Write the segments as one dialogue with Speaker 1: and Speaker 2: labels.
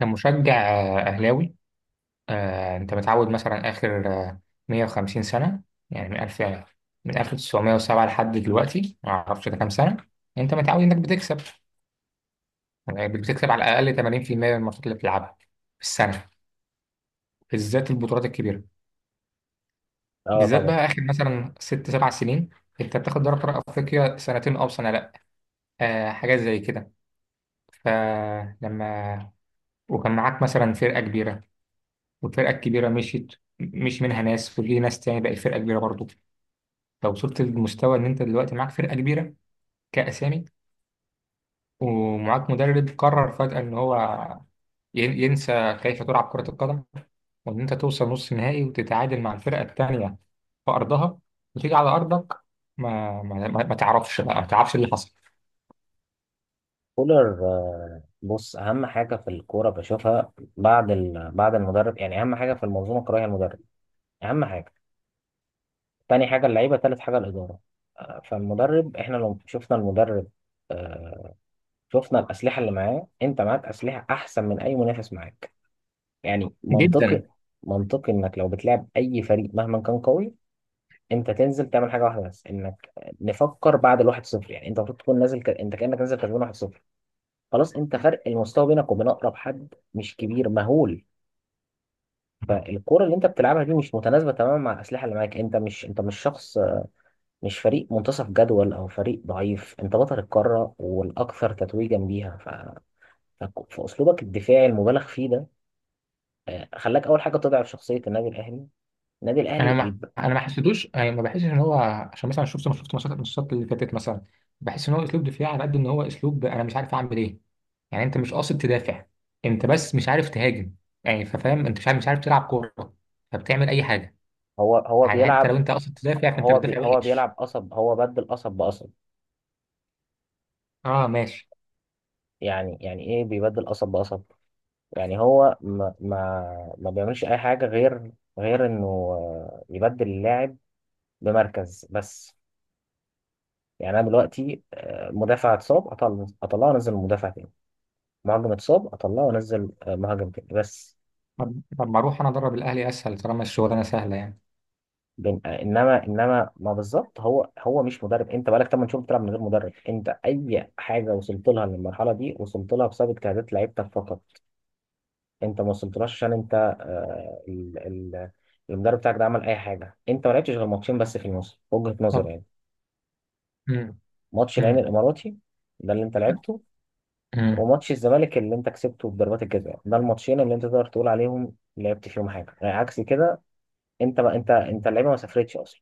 Speaker 1: كمشجع أهلاوي. أنت متعود مثلا آخر 150 سنة، يعني من 1000، من 1907 لحد دلوقتي ما أعرفش ده كام سنة. أنت متعود إنك بتكسب، يعني بتكسب على الأقل 80% من الماتشات اللي بتلعبها في السنة، بالذات البطولات الكبيرة،
Speaker 2: اه
Speaker 1: بالذات
Speaker 2: طبعا.
Speaker 1: بقى آخر مثلا ست سبع سنين. أنت بتاخد دوري أبطال أفريقيا سنتين أو سنة، لأ حاجات زي كده. فلما وكان معاك مثلا فرقة كبيرة، والفرقة الكبيرة مشيت، مش منها ناس وفي ناس تاني بقت فرقة كبيرة برضو. لو وصلت للمستوى ان انت دلوقتي معاك فرقه كبيره كاسامي، ومعاك مدرب قرر فجاه ان هو ينسى كيف تلعب كره القدم، وان انت توصل نص نهائي وتتعادل مع الفرقه الثانيه في ارضها، وتيجي على ارضك ما تعرفش بقى، ما تعرفش اللي حصل.
Speaker 2: كولر، بص، اهم حاجه في الكوره بشوفها بعد بعد المدرب. يعني اهم حاجه في المنظومه الكرويه المدرب، اهم حاجه. تاني حاجه اللعيبه، تالت حاجه الاداره. فالمدرب، احنا لو شفنا المدرب، آه، شفنا الاسلحه اللي معاه، انت معاك اسلحه احسن من اي منافس معاك. يعني
Speaker 1: جدا.
Speaker 2: منطقي، منطقي انك لو بتلعب اي فريق مهما كان قوي، انت تنزل تعمل حاجه واحده بس، انك نفكر بعد الواحد صفر. يعني انت المفروض تكون نازل انت كانك نازل كسبان 1-0. خلاص، انت فرق المستوى بينك وبين اقرب حد مش كبير مهول. فالكرة اللي انت بتلعبها دي مش متناسبة تماما مع الأسلحة اللي معاك. انت مش شخص، مش فريق منتصف جدول او فريق ضعيف، انت بطل القارة والاكثر تتويجا بيها. فاسلوبك الدفاعي المبالغ فيه ده، خلاك اول حاجة تضعف شخصية النادي الاهلي. النادي الاهلي
Speaker 1: انا ما
Speaker 2: الب-
Speaker 1: انا ما حسيتوش، يعني ما بحسش ان هو، عشان مثلا شفت، ما شفت ماتشات، الماتشات اللي فاتت مثلا، بحس ان هو اسلوب دفاعي على قد ان هو اسلوب انا مش عارف اعمل ايه. يعني انت مش قاصد تدافع، انت بس مش عارف تهاجم، يعني ففاهم انت مش عارف، مش عارف تلعب كوره فبتعمل اي حاجه.
Speaker 2: هو
Speaker 1: يعني حتى
Speaker 2: بيلعب.
Speaker 1: لو انت قاصد تدافع فانت
Speaker 2: هو بي
Speaker 1: بتدافع
Speaker 2: هو
Speaker 1: وحش.
Speaker 2: بيلعب قصب، هو بدل قصب بقصب.
Speaker 1: اه، ماشي.
Speaker 2: يعني ايه بيبدل قصب بقصب؟ يعني هو ما بيعملش اي حاجه غير انه يبدل اللاعب بمركز بس. يعني انا دلوقتي مدافع اتصاب اطلعه وانزل مدافع تاني، مهاجم اتصاب اطلعه وانزل مهاجم تاني بس.
Speaker 1: طب ما اروح انا ادرب الاهلي اسهل طالما الشغلانه سهله يعني.
Speaker 2: انما ما بالظبط، هو مش مدرب. انت بقالك 8 شهور بتلعب من غير مدرب. انت اي حاجه وصلت لها للمرحله دي وصلت لها بسبب اجتهادات لعيبتك فقط. انت ما وصلتلاش عشان انت آه، ال- ال- المدرب بتاعك ده عمل اي حاجه. انت ما لعبتش غير ماتشين بس في الموسم، وجهه نظري
Speaker 1: طب.
Speaker 2: يعني.
Speaker 1: امم.
Speaker 2: ماتش العين
Speaker 1: امم.
Speaker 2: الاماراتي ده اللي انت لعبته،
Speaker 1: امم.
Speaker 2: وماتش الزمالك اللي انت كسبته بضربات الجزاء، ده الماتشين اللي انت تقدر تقول عليهم لعبت فيهم حاجه، يعني عكس كده. انت اللعيبه ما سافرتش اصلا.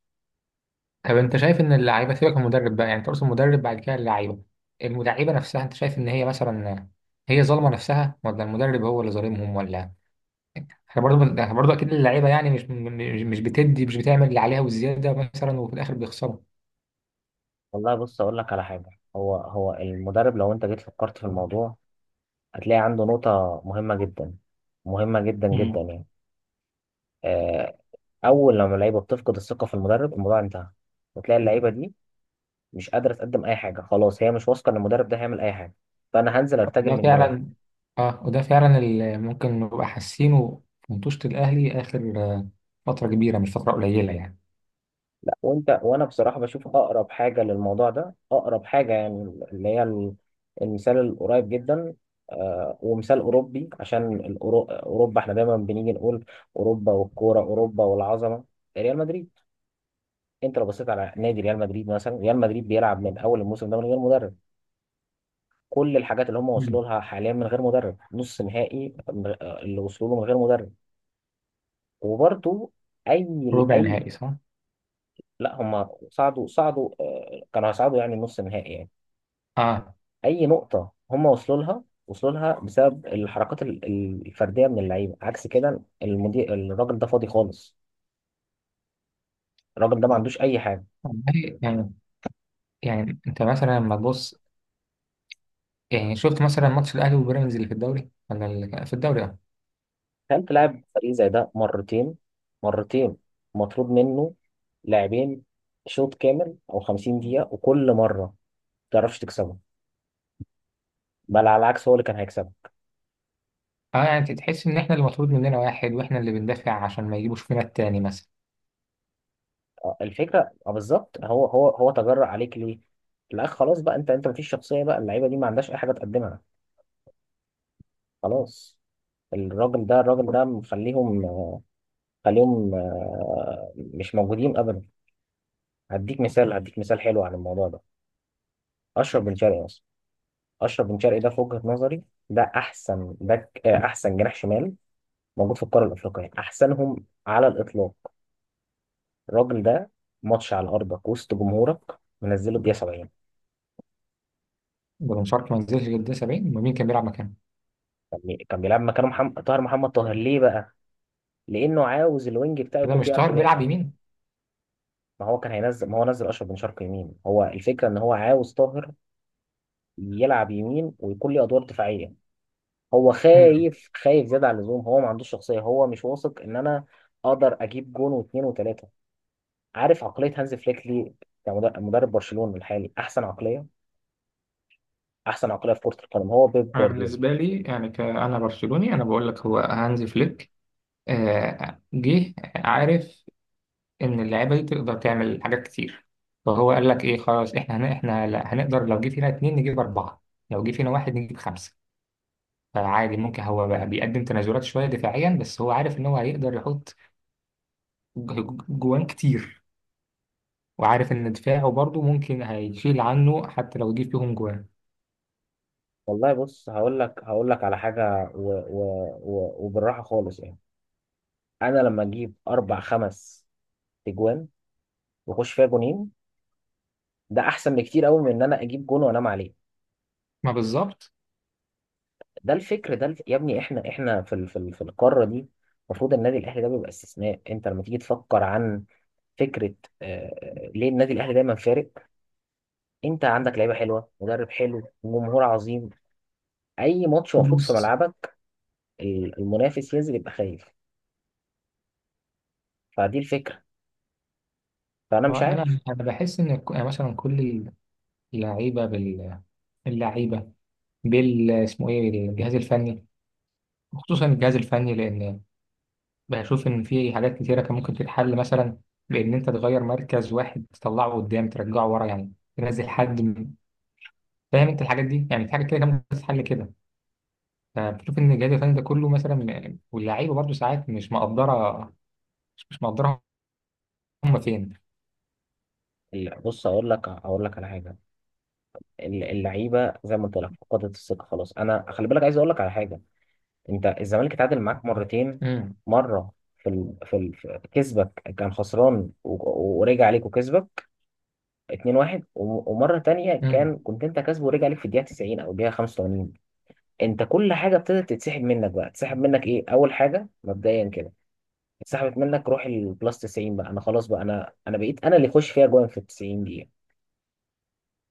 Speaker 1: طب انت شايف ان اللعيبه سيبك من المدرب بقى، يعني تقصد المدرب بعد كده اللعيبه نفسها، انت شايف ان هي مثلا هي ظالمه نفسها، ولا المدرب هو اللي ظالمهم، ولا احنا برضو؟ احنا برضو اكيد اللعيبه يعني مش بتدي، مش بتعمل اللي عليها والزياده مثلا، وفي الاخر بيخسروا.
Speaker 2: والله بص، اقول لك على حاجه. هو المدرب، لو انت جيت فكرت في الموضوع هتلاقي عنده نقطه مهمه جدا، مهمه جدا
Speaker 1: امم.
Speaker 2: جدا يعني. آه، اول لما اللعيبه بتفقد الثقه في المدرب الموضوع انتهى، وتلاقي اللعيبه دي مش قادره تقدم اي حاجه، خلاص هي مش واثقه ان المدرب ده هيعمل اي حاجه، فانا هنزل ارتجل
Speaker 1: وده
Speaker 2: من دماغي.
Speaker 1: فعلا اه، وده فعلا اللي ممكن نبقى حاسينه في مطوشة الاهلي اخر فتره كبيره، مش فتره قليله يعني.
Speaker 2: لا، وانت، وانا بصراحه بشوف اقرب حاجه للموضوع ده، اقرب حاجه يعني، اللي هي ال- المثال القريب جدا، ومثال اوروبي، عشان اوروبا احنا دايما بنيجي نقول: اوروبا والكوره، اوروبا والعظمه. ريال مدريد. انت لو بصيت على نادي ريال مدريد مثلا، ريال مدريد بيلعب من اول الموسم ده من غير مدرب. كل الحاجات اللي هم وصلوا
Speaker 1: امم.
Speaker 2: لها حاليا من غير مدرب، نص نهائي اللي وصلوا له من غير مدرب. وبرضو، اي.
Speaker 1: ربع
Speaker 2: اي.
Speaker 1: نهائي صح؟
Speaker 2: لا، هم صعدوا، كانوا هيصعدوا يعني نص نهائي يعني.
Speaker 1: اه.
Speaker 2: اي نقطة هم وصلوا لها بسبب الحركات الفردية من اللعيبة، عكس كده المدير الراجل ده فاضي خالص. الراجل ده ما عندوش اي حاجة.
Speaker 1: والله يعني انت مثلا لما تبص، يعني شفت مثلا ماتش الاهلي وبيراميدز اللي في الدوري، ولا اللي في الدوري؟ اه.
Speaker 2: كان تلعب فريق زي ده مرتين، مرتين مطلوب منه لاعبين شوط كامل او 50 دقيقة، وكل مرة ما تعرفش تكسبه، بل على العكس هو اللي كان هيكسبك.
Speaker 1: اه، يعني انت تحس ان احنا اللي مطلوب مننا واحد، واحنا اللي بندافع عشان ما يجيبوش فينا التاني مثلا.
Speaker 2: الفكره، بالظبط، هو تجرأ عليك ليه؟ لا خلاص بقى، انت مفيش شخصيه بقى، اللعيبه دي ما عندهاش اي حاجه تقدمها، خلاص. الراجل ده مخليهم آه، خليهم آه، مش موجودين ابدا. هديك مثال حلو عن الموضوع ده: اشرف بن شرقي. اصلا اشرف بن شرقي ده في وجهه نظري ده احسن باك، احسن جناح شمال موجود في القاره الافريقيه، احسنهم على الاطلاق. الراجل ده، ماتش على ارضك وسط جمهورك، منزله بدقيقه 70.
Speaker 1: ده بن شرقي ما نزلش غير ده 70، ومين كان بيلعب مكانه؟
Speaker 2: كان بيلعب مكانه محمد طاهر. محمد طاهر ليه بقى؟ لأنه عاوز الوينج بتاعه
Speaker 1: كده
Speaker 2: يكون
Speaker 1: مش
Speaker 2: بيعرف
Speaker 1: طاهر بيلعب
Speaker 2: يدافع.
Speaker 1: يمين؟
Speaker 2: ما هو كان هينزل، ما هو نزل أشرف بن شرقي يمين. هو الفكرة إن هو عاوز طاهر يلعب يمين ويكون ليه أدوار دفاعية. هو
Speaker 1: مم.
Speaker 2: خايف، خايف زيادة عن اللزوم. هو ما عندوش شخصية، هو مش واثق إن أنا أقدر أجيب جون واتنين وتلاتة. عارف عقلية هانز فليك ليه كمدرب؟ مدرب برشلونة الحالي، أحسن عقلية، أحسن عقلية في كرة القدم هو بيب
Speaker 1: انا
Speaker 2: جوارديولا.
Speaker 1: بالنسبه لي يعني كأنا برشلوني انا بقول لك هو هانزي فليك، جه عارف ان اللعيبه دي تقدر تعمل حاجات كتير. فهو قال لك ايه، خلاص احنا هن... احنا لا- هنقدر لو جه فينا اتنين نجيب اربعه، لو جه فينا واحد نجيب خمسه. فعادي ممكن هو بقى بيقدم تنازلات شويه دفاعيا، بس هو عارف ان هو هيقدر يحط جوان كتير، وعارف ان دفاعه برضه ممكن هيشيل عنه حتى لو جه فيهم جوان.
Speaker 2: والله بص، هقول لك على حاجة، وبالراحة خالص يعني. انا لما اجيب اربع خمس تجوان واخش فيها جونين، ده احسن بكتير قوي من ان انا اجيب جون وانام عليه.
Speaker 1: ما بالظبط.
Speaker 2: ده الفكر، يا ابني، احنا في القاره دي المفروض النادي الاهلي ده بيبقى استثناء. انت لما تيجي تفكر عن فكره، ليه النادي الاهلي دايما فارق؟ انت عندك لعيبه حلوه، مدرب حلو، جمهور عظيم، اي ماتش المفروض في ملعبك المنافس ينزل يبقى خايف. فدي الفكره، فانا
Speaker 1: هو
Speaker 2: مش
Speaker 1: انا
Speaker 2: عارف.
Speaker 1: انا بحس ان يعني مثلا كل اللعيبه بال، اللعيبه بال اسمه ايه الجهاز الفني، خصوصا الجهاز الفني، لان بشوف ان في حاجات كتيره كان ممكن تتحل مثلا، بان انت تغير مركز واحد تطلعه قدام ترجعه ورا، يعني تنزل حد فاهم انت الحاجات دي، يعني في حاجات كده كان ممكن تتحل كده. فبشوف ان الجهاز الفني ده كله مثلا، واللعيبه برضو ساعات مش مقدره، مش مقدره. هم فين؟
Speaker 2: بص، اقول لك على حاجه. اللعيبه زي ما قلت لك فقدت الثقه خلاص. انا خلي بالك عايز اقول لك على حاجه: انت الزمالك اتعادل معاك مرتين.
Speaker 1: امم.
Speaker 2: مره في كسبك كان خسران، ورجع عليك وكسبك 2-1، ومره تانية
Speaker 1: امم.
Speaker 2: كنت انت كسبه ورجع عليك في الدقيقه 90 او الدقيقه 85. انت كل حاجه ابتدت تتسحب منك. بقى تسحب منك ايه؟ اول حاجه مبدئيا كده اتسحبت منك روح البلس 90، بقى انا خلاص، بقى انا بقيت انا اللي يخش فيها جوان في ال 90.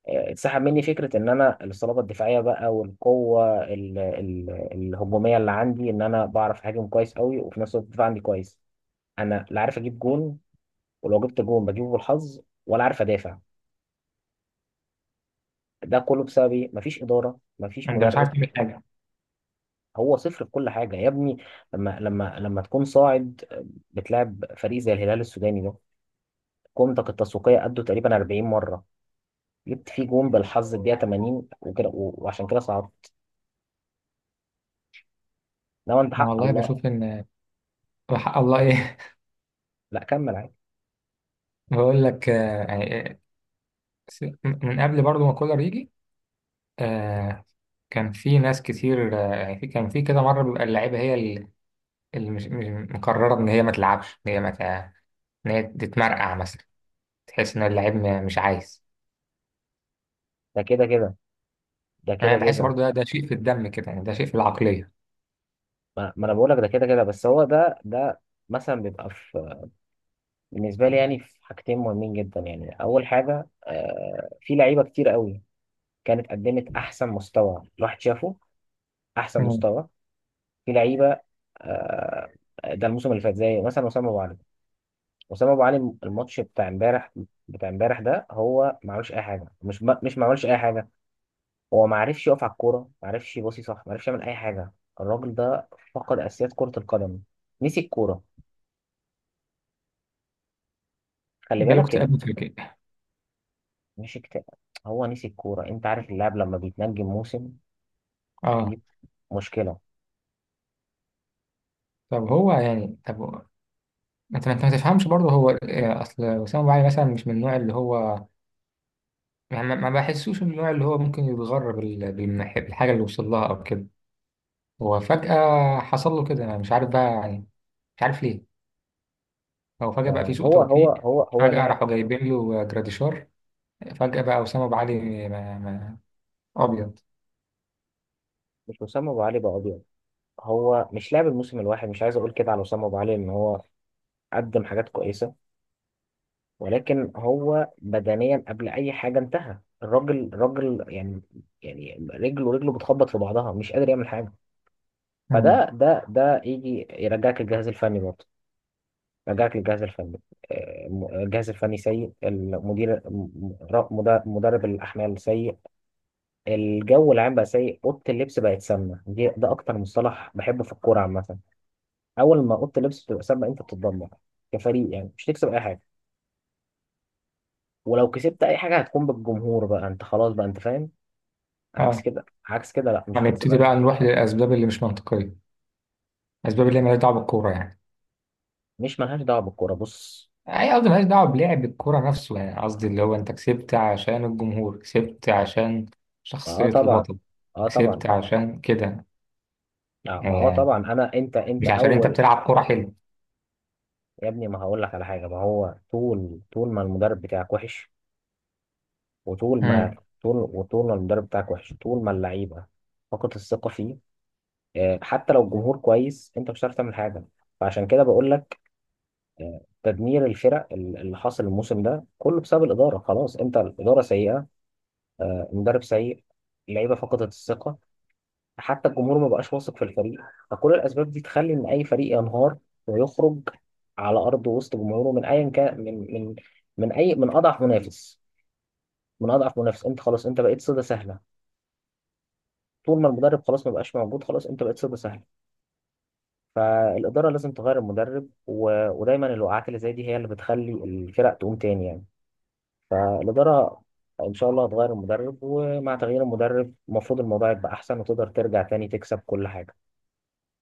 Speaker 2: اتسحب مني فكرة ان انا الصلابة الدفاعية بقى، والقوة الهجومية اللي عندي، ان انا بعرف اهاجم كويس قوي وفي نفس الوقت الدفاع عندي كويس. انا لا عارف اجيب جون، ولو جبت جون بجيبه بالحظ، ولا عارف ادافع. ده كله بسبب ايه؟ مفيش ادارة، مفيش
Speaker 1: انت مش عارف
Speaker 2: مدرب.
Speaker 1: تعمل حاجه.
Speaker 2: هو صفر في كل حاجة يا ابني. لما تكون صاعد، بتلعب فريق زي الهلال السوداني ده قيمتك التسويقية قدوا تقريبا 40 مرة، جبت فيه جون بالحظ الدقيقة 80 وكده وعشان كده صعدت. لو انت
Speaker 1: انا
Speaker 2: حق
Speaker 1: والله
Speaker 2: الله...
Speaker 1: بشوف ان، وحق الله ايه؟
Speaker 2: لا كمل.
Speaker 1: بقول لك، من قبل برضو ما كولر يجي، آه، كان في ناس كتير، يعني في، كان في كده مره بيبقى اللعيبه هي اللي مقرره ان هي ما تلعبش، ان هي ما تع- ان هي تتمرقع مثلا، تحس ان اللعيب مش عايز.
Speaker 2: ده كده كده، ده
Speaker 1: انا
Speaker 2: كده
Speaker 1: بحس
Speaker 2: كده.
Speaker 1: برضو ده شيء في الدم كده يعني، ده شيء في العقليه.
Speaker 2: ما انا بقول لك ده كده كده، بس هو ده مثلا بيبقى في، بالنسبه لي يعني، في حاجتين مهمين جدا يعني. اول حاجه، في لعيبه كتير قوي كانت قدمت احسن مستوى الواحد شافه، احسن
Speaker 1: مم.
Speaker 2: مستوى. في لعيبه، آه ده الموسم اللي فات زي مثلا وسام ابو علي. وسام ابو علي الماتش بتاع امبارح، ده هو ما عملش اي حاجه. مش ما مش ما عملش اي حاجه. هو ما عرفش يقف على الكوره، ما عرفش يباصي صح، ما عرفش يعمل اي حاجه. الراجل ده فقد اساسيات كره القدم. نسي الكوره. خلي
Speaker 1: جاله
Speaker 2: بالك
Speaker 1: اكتئاب فكري.
Speaker 2: مش اكتئاب، هو نسي الكوره. انت عارف اللاعب لما بيتنجم موسم؟
Speaker 1: اه.
Speaker 2: دي مشكله.
Speaker 1: طب هو يعني طب انت، ما تفهمش برضه هو اصل وسام ابو علي مثلا مش من النوع اللي هو، يعني ما بحسوش من النوع اللي هو ممكن يتغرب بالحاجه اللي وصل لها او كده. هو فجأة حصل له كده، أنا مش عارف بقى يعني، مش عارف ليه. هو فجأة بقى في
Speaker 2: آه،
Speaker 1: سوء
Speaker 2: هو هو
Speaker 1: توفيق.
Speaker 2: هو هو
Speaker 1: فجأة
Speaker 2: لا،
Speaker 1: راحوا جايبين له جراديشار. فجأة بقى أسامة أبو علي ما أبيض.
Speaker 2: مش وسام ابو علي بقى ابيض. هو مش لاعب الموسم، الواحد مش عايز اقول كده على وسام ابو علي ان هو قدم حاجات كويسه، ولكن هو بدنيا قبل اي حاجه انتهى الراجل يعني. يعني رجله، رجله بتخبط في بعضها، مش قادر يعمل حاجه.
Speaker 1: مم.
Speaker 2: فده ده يجي يرجعك الجهاز الفني برضه، يرجعك للجهاز الفني. الجهاز الفني سيء، المدير مدرب الأحمال سيء، الجو العام بقى سيء، أوضة اللبس بقت سامة. دي ده أكتر مصطلح بحبه في الكورة عامة. أول ما أوضة اللبس بتبقى سامة أنت بتتدمر كفريق يعني، مش تكسب أي حاجة، ولو كسبت أي حاجة هتكون بالجمهور. بقى أنت خلاص، بقى أنت فاهم. عكس
Speaker 1: اه،
Speaker 2: كده، عكس كده، لا مش هتكسب
Speaker 1: هنبتدي
Speaker 2: أي
Speaker 1: بقى
Speaker 2: حاجة.
Speaker 1: نروح للأسباب اللي مش منطقية، الأسباب اللي مالهاش دعوة بالكورة يعني.
Speaker 2: مش ملهاش دعوة بالكورة، بص.
Speaker 1: أي قصدي مالهاش دعوة بلعب الكورة نفسه، يعني قصدي اللي هو أنت كسبت عشان الجمهور، كسبت عشان
Speaker 2: اه
Speaker 1: شخصية
Speaker 2: طبعا،
Speaker 1: البطل،
Speaker 2: اه
Speaker 1: كسبت
Speaker 2: طبعا.
Speaker 1: عشان كده،
Speaker 2: ما هو
Speaker 1: آه،
Speaker 2: طبعا انا، انت
Speaker 1: مش عشان أنت
Speaker 2: اول.
Speaker 1: بتلعب كورة.
Speaker 2: يا ابني، ما هقول لك على حاجه. ما هو طول ما المدرب بتاعك وحش، وطول ما،
Speaker 1: حلو.
Speaker 2: طول ما المدرب بتاعك وحش، طول ما اللعيبه فقدت الثقه فيه، حتى لو الجمهور كويس انت مش هتعرف تعمل حاجه. فعشان كده بقول لك، تدمير الفرق اللي حاصل الموسم ده كله بسبب الاداره. خلاص، انت الاداره سيئه، المدرب سيء، اللعيبه فقدت الثقه، حتى الجمهور ما بقاش واثق في الفريق. فكل الاسباب دي تخلي ان اي فريق ينهار ويخرج على ارض وسط جمهوره من ايا كان، من اضعف منافس. من اضعف منافس، انت خلاص، انت بقيت صيده سهله. طول ما المدرب خلاص ما بقاش موجود، خلاص انت بقيت صيده سهله. فالاداره لازم تغير المدرب، ودايما الوقعات اللي زي دي هي اللي بتخلي الفرق تقوم تاني يعني. فالاداره ان شاء الله هتغير المدرب، ومع تغيير المدرب المفروض الموضوع يبقى احسن وتقدر ترجع تاني تكسب كل حاجه.